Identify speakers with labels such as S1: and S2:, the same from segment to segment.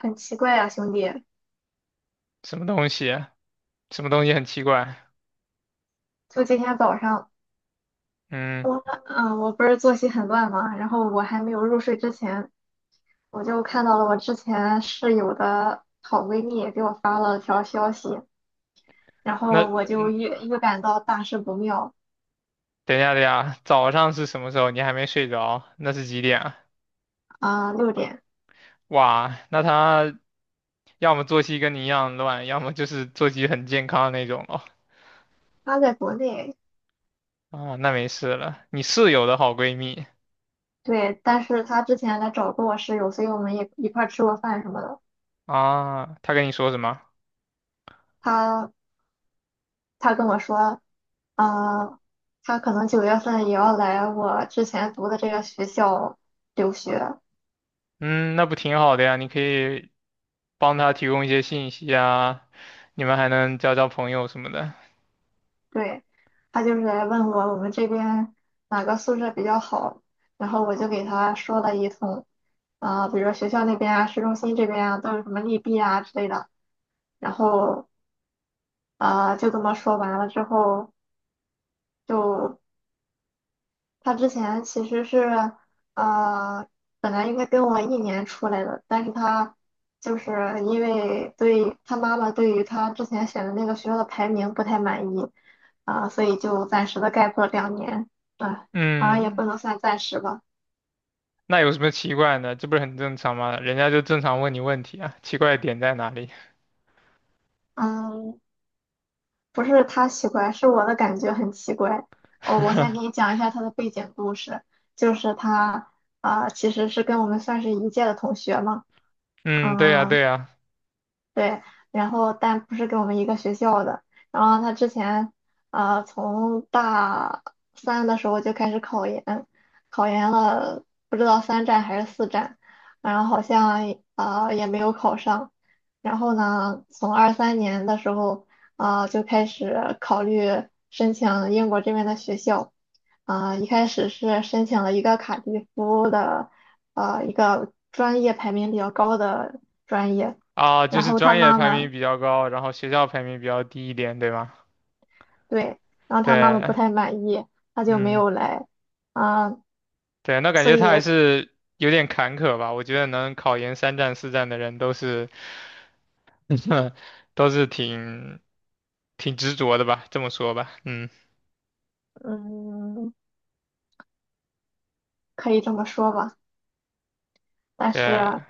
S1: 很奇怪啊，兄弟！
S2: 什么东西？什么东西很奇怪？
S1: 就今天早上，
S2: 嗯，
S1: 我我不是作息很乱嘛，然后我还没有入睡之前，我就看到了我之前室友的好闺蜜给我发了条消息，然
S2: 那
S1: 后我就预感到大事不妙
S2: 等一下，等一下，早上是什么时候？你还没睡着？那是几点啊？
S1: 啊，六点。
S2: 哇，那他要么作息跟你一样乱，要么就是作息很健康的那种哦。
S1: 她在国内，
S2: 啊，那没事了。你室友的好闺蜜
S1: 对，但是她之前来找过我室友，所以我们也一块儿吃过饭什么的。
S2: 啊，她跟你说什么？
S1: 她她跟我说，啊，她可能9月份也要来我之前读的这个学校留学。
S2: 嗯，那不挺好的呀？你可以帮她提供一些信息啊，你们还能交交朋友什么的。
S1: 对，他就是来问我我们这边哪个宿舍比较好，然后我就给他说了一通，比如说学校那边啊、市中心这边啊，都有什么利弊啊之类的，然后就这么说完了之后，就他之前其实是呃，本来应该跟我一年出来的，但是他就是因为对他妈妈对于他之前选的那个学校的排名不太满意，所以就暂时的 gap 了2年，啊、好像也
S2: 嗯，
S1: 不能算暂时吧。
S2: 那有什么奇怪呢？这不是很正常吗？人家就正常问你问题啊，奇怪的点在哪里？
S1: 嗯，不是他奇怪，是我的感觉很奇怪。哦，我先给你 讲一下他的背景故事，就是其实是跟我们算是一届的同学嘛。
S2: 嗯，对呀，
S1: 嗯、
S2: 对呀，
S1: 对，然后但不是跟我们一个学校的。然后他之前，从大三的时候就开始考研，考研了不知道三战还是四战，然后好像也没有考上。然后呢，从23年的时候，就开始考虑申请英国这边的学校。一开始是申请了一个卡迪夫的，一个专业排名比较高的专业。
S2: 啊，就
S1: 然
S2: 是
S1: 后他
S2: 专业
S1: 妈
S2: 排
S1: 妈，
S2: 名比较高，然后学校排名比较低一点，对吗？
S1: 对，然后他妈妈不
S2: 对，
S1: 太满意，他就没
S2: 嗯，
S1: 有来，啊、
S2: 对，那感
S1: 所
S2: 觉他
S1: 以，
S2: 还是有点坎坷吧？我觉得能考研三战四战的人都是，都是挺执着的吧，这么说吧，嗯，
S1: 嗯，可以这么说吧。但是，
S2: 对，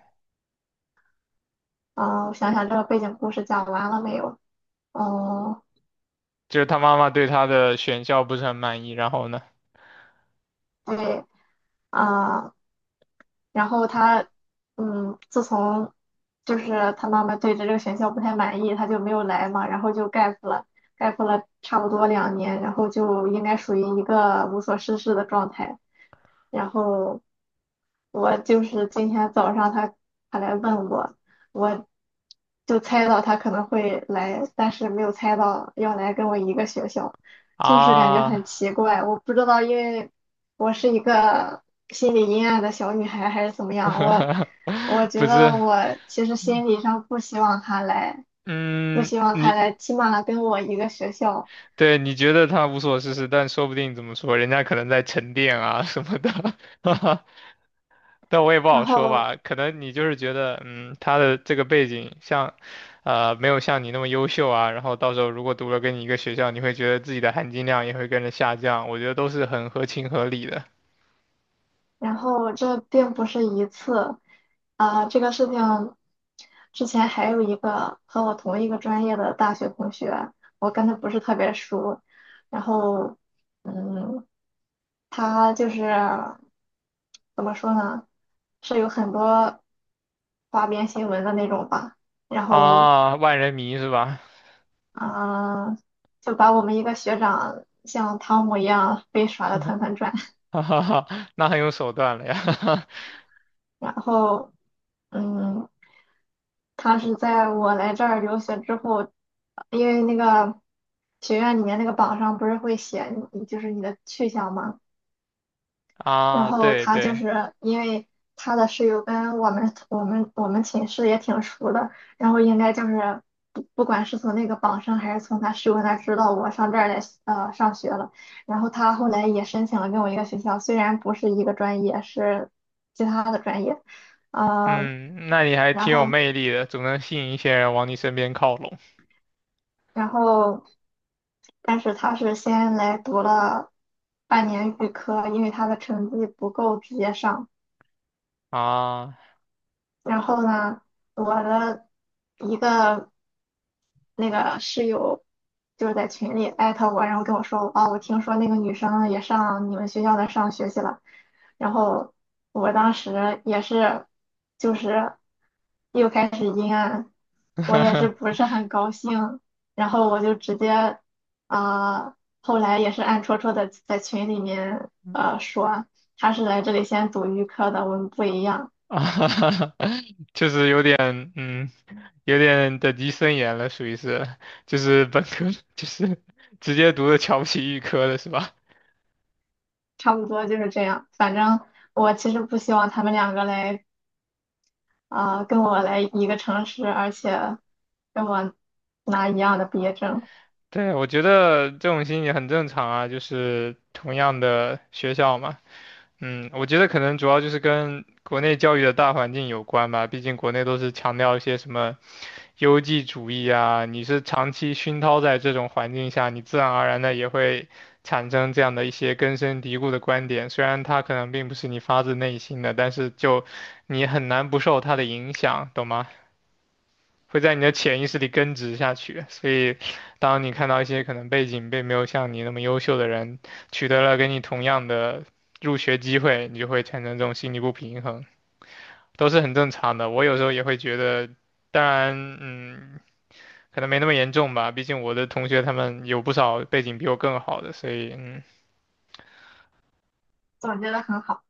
S1: 我想想这个背景故事讲完了没有？哦，
S2: 就是他妈妈对他的选校不是很满意，然后呢？
S1: 对，啊、然后他，自从就是他妈妈对着这个学校不太满意，他就没有来嘛，然后就 gap 了差不多两年，然后就应该属于一个无所事事的状态。然后我就是今天早上他来问我，我就猜到他可能会来，但是没有猜到要来跟我一个学校，就是感觉很
S2: 啊。
S1: 奇怪，我不知道，因为我是一个心理阴暗的小女孩还是怎么样，我 我
S2: 不
S1: 觉
S2: 是，
S1: 得我其实
S2: 嗯
S1: 心理上不希望他来，不
S2: 嗯
S1: 希望他
S2: 你
S1: 来，起码跟我一个学校。
S2: 对你觉得他无所事事，但说不定怎么说，人家可能在沉淀啊什么的，哈哈但我也不
S1: 然
S2: 好说
S1: 后。
S2: 吧。可能你就是觉得，嗯，他的这个背景像，没有像你那么优秀啊。然后到时候如果读了跟你一个学校，你会觉得自己的含金量也会跟着下降。我觉得都是很合情合理的
S1: 然后这并不是一次，这个事情之前还有一个和我同一个专业的大学同学，我跟他不是特别熟，然后，嗯，他就是怎么说呢，是有很多花边新闻的那种吧，然后，
S2: 啊。万人迷是吧？
S1: 嗯、就把我们一个学长像汤姆一样被耍的团团转。
S2: 哈哈哈，那很有手段了呀。
S1: 然后。嗯，他是在我来这儿留学之后，因为那个学院里面那个榜上不是会写你就是你的去向嘛，然
S2: 啊，
S1: 后
S2: 对
S1: 他就
S2: 对。
S1: 是因为他的室友跟我们寝室也挺熟的，然后应该就是不管是从那个榜上还是从他室友那儿知道我上这儿来上学了，然后他后来也申请了跟我一个学校，虽然不是一个专业，是其他的专业。呃。
S2: 嗯，那你还
S1: 然
S2: 挺有
S1: 后
S2: 魅力的，总能吸引一些人往你身边靠拢
S1: 然后，但是他是先来读了半年预科，因为他的成绩不够直接上。
S2: 啊。
S1: 然后呢，我的一个那个室友就是在群里艾特我，然后跟我说，哦，我听说那个女生也上你们学校的上学去了。然后我当时也是，就是又开始阴暗，我也是不 是很高兴。然后我就直接，啊，后来也是暗戳戳的在群里面，说他是来这里先读预科的，我们不一样，
S2: 啊，就是有点，嗯，有点等级森严了，属于是，就是本科，就是直接读的瞧不起预科了，是吧？
S1: 差不多就是这样。反正我其实不希望他们两个来。跟我来一个城市，而且跟我拿一样的毕业证。
S2: 对，我觉得这种心理很正常啊，就是同样的学校嘛，嗯，我觉得可能主要就是跟国内教育的大环境有关吧，毕竟国内都是强调一些什么优绩主义啊，你是长期熏陶在这种环境下，你自然而然的也会产生这样的一些根深蒂固的观点，虽然它可能并不是你发自内心的，但是就你很难不受它的影响，懂吗？会在你的潜意识里根植下去。所以，当你看到一些可能背景并没有像你那么优秀的人取得了跟你同样的入学机会，你就会产生这种心理不平衡，都是很正常的。我有时候也会觉得，当然，嗯，可能没那么严重吧，毕竟我的同学他们有不少背景比我更好的，所以，嗯。
S1: 总结的很好。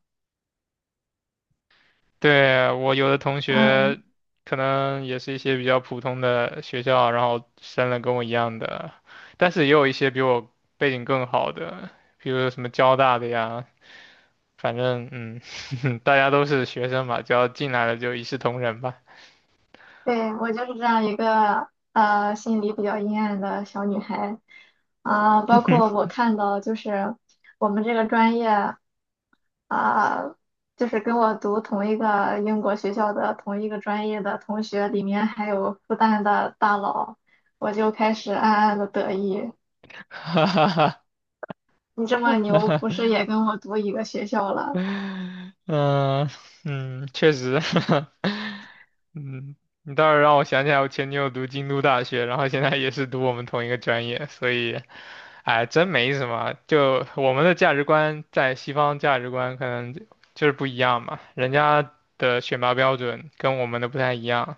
S2: 对，我有的同
S1: 嗯，
S2: 学可能也是一些比较普通的学校，然后升了跟我一样的，但是也有一些比我背景更好的，比如什么交大的呀，反正嗯，大家都是学生嘛，只要进来了就一视同仁吧。
S1: 对，我就是这样一个心里比较阴暗的小女孩，包括我看到就是我们这个专业啊、就是跟我读同一个英国学校的同一个专业的同学，里面还有复旦的大佬，我就开始暗暗的得意，你这么牛，不是也跟我读一个学校 了？
S2: 嗯嗯，确实，嗯，你倒是让我想起来，我前女友读京都大学，然后现在也是读我们同一个专业，所以，哎，真没什么。就我们的价值观在西方价值观可能就是不一样嘛，人家的选拔标准跟我们的不太一样，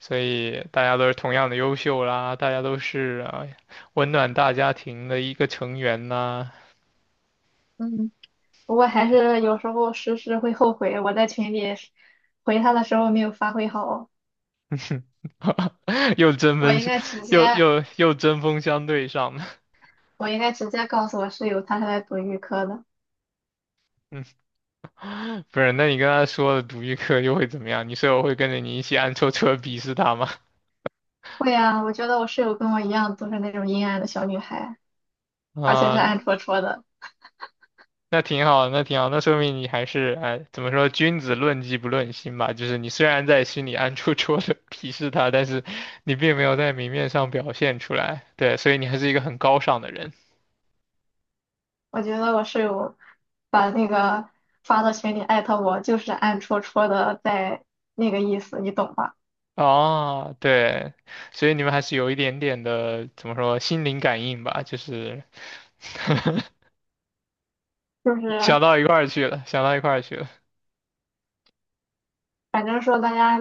S2: 所以大家都是同样的优秀啦，大家都是啊温暖大家庭的一个成员呐。
S1: 嗯。不过还是有时候时时会后悔，我在群里回他的时候没有发挥好，
S2: 又针
S1: 我
S2: 锋
S1: 应
S2: 相，
S1: 该直接
S2: 又针锋相对上了。
S1: 我应该直接告诉我室友她是来读预科的。
S2: 嗯，不是，那你跟他说了独立课又会怎么样？你舍友会跟着你一起暗戳戳地鄙视他吗？
S1: 会啊，我觉得我室友跟我一样都是那种阴暗的小女孩，而且是
S2: 啊、
S1: 暗戳戳的。
S2: 那挺好，那挺好，那说明你还是哎，怎么说，君子论迹不论心吧。就是你虽然在心里暗戳戳的 鄙视他，但是你并没有在明面上表现出来，对，所以你还是一个很高尚的人
S1: 我觉得我室友把那个发到群里艾特我，就是暗戳戳的在那个意思，你懂吧？
S2: 哦，对，所以你们还是有一点点的怎么说心灵感应吧，就是
S1: 就是
S2: 想到一块儿去了，想到一块儿去了。
S1: 反正说大家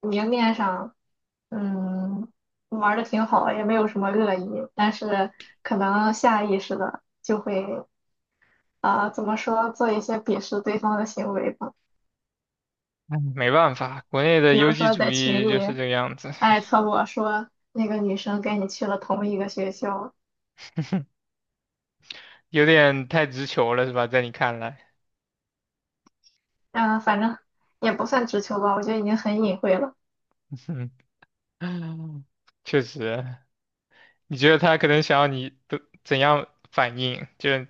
S1: 明面上。嗯，玩的挺好，也没有什么恶意，但是可能下意识的就会，怎么说，做一些鄙视对方的行为吧。
S2: 哎，没办法，国内的
S1: 比
S2: 优
S1: 如
S2: 绩
S1: 说
S2: 主
S1: 在群
S2: 义就是这
S1: 里
S2: 个样子，
S1: 艾特我说那个女生跟你去了同一个学校，
S2: 有点太直球了，是吧？在你看来，
S1: 嗯、反正也不算直球吧，我觉得已经很隐晦了，
S2: 嗯，确实，你觉得他可能想要你的怎样反应？就是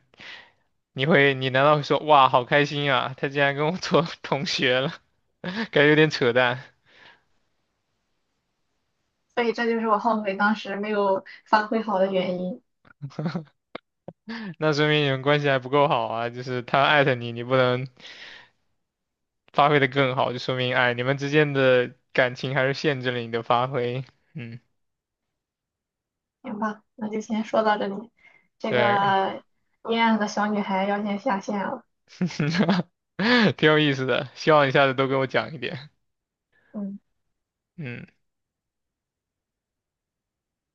S2: 你会，你难道会说哇，好开心啊，他竟然跟我做 同学了，感觉有点扯淡。
S1: 所以这就是我后悔当时没有发挥好的原因。
S2: 那说明你们关系还不够好啊，就是他艾特你，你不能发挥的更好，就说明哎，你们之间的感情还是限制了你的发挥，嗯。
S1: 行吧，那就先说到这里，这
S2: 对，
S1: 个阴暗的小女孩要先下线了。
S2: 挺有意思的，希望你下次都给我讲一点。
S1: 嗯。
S2: 嗯。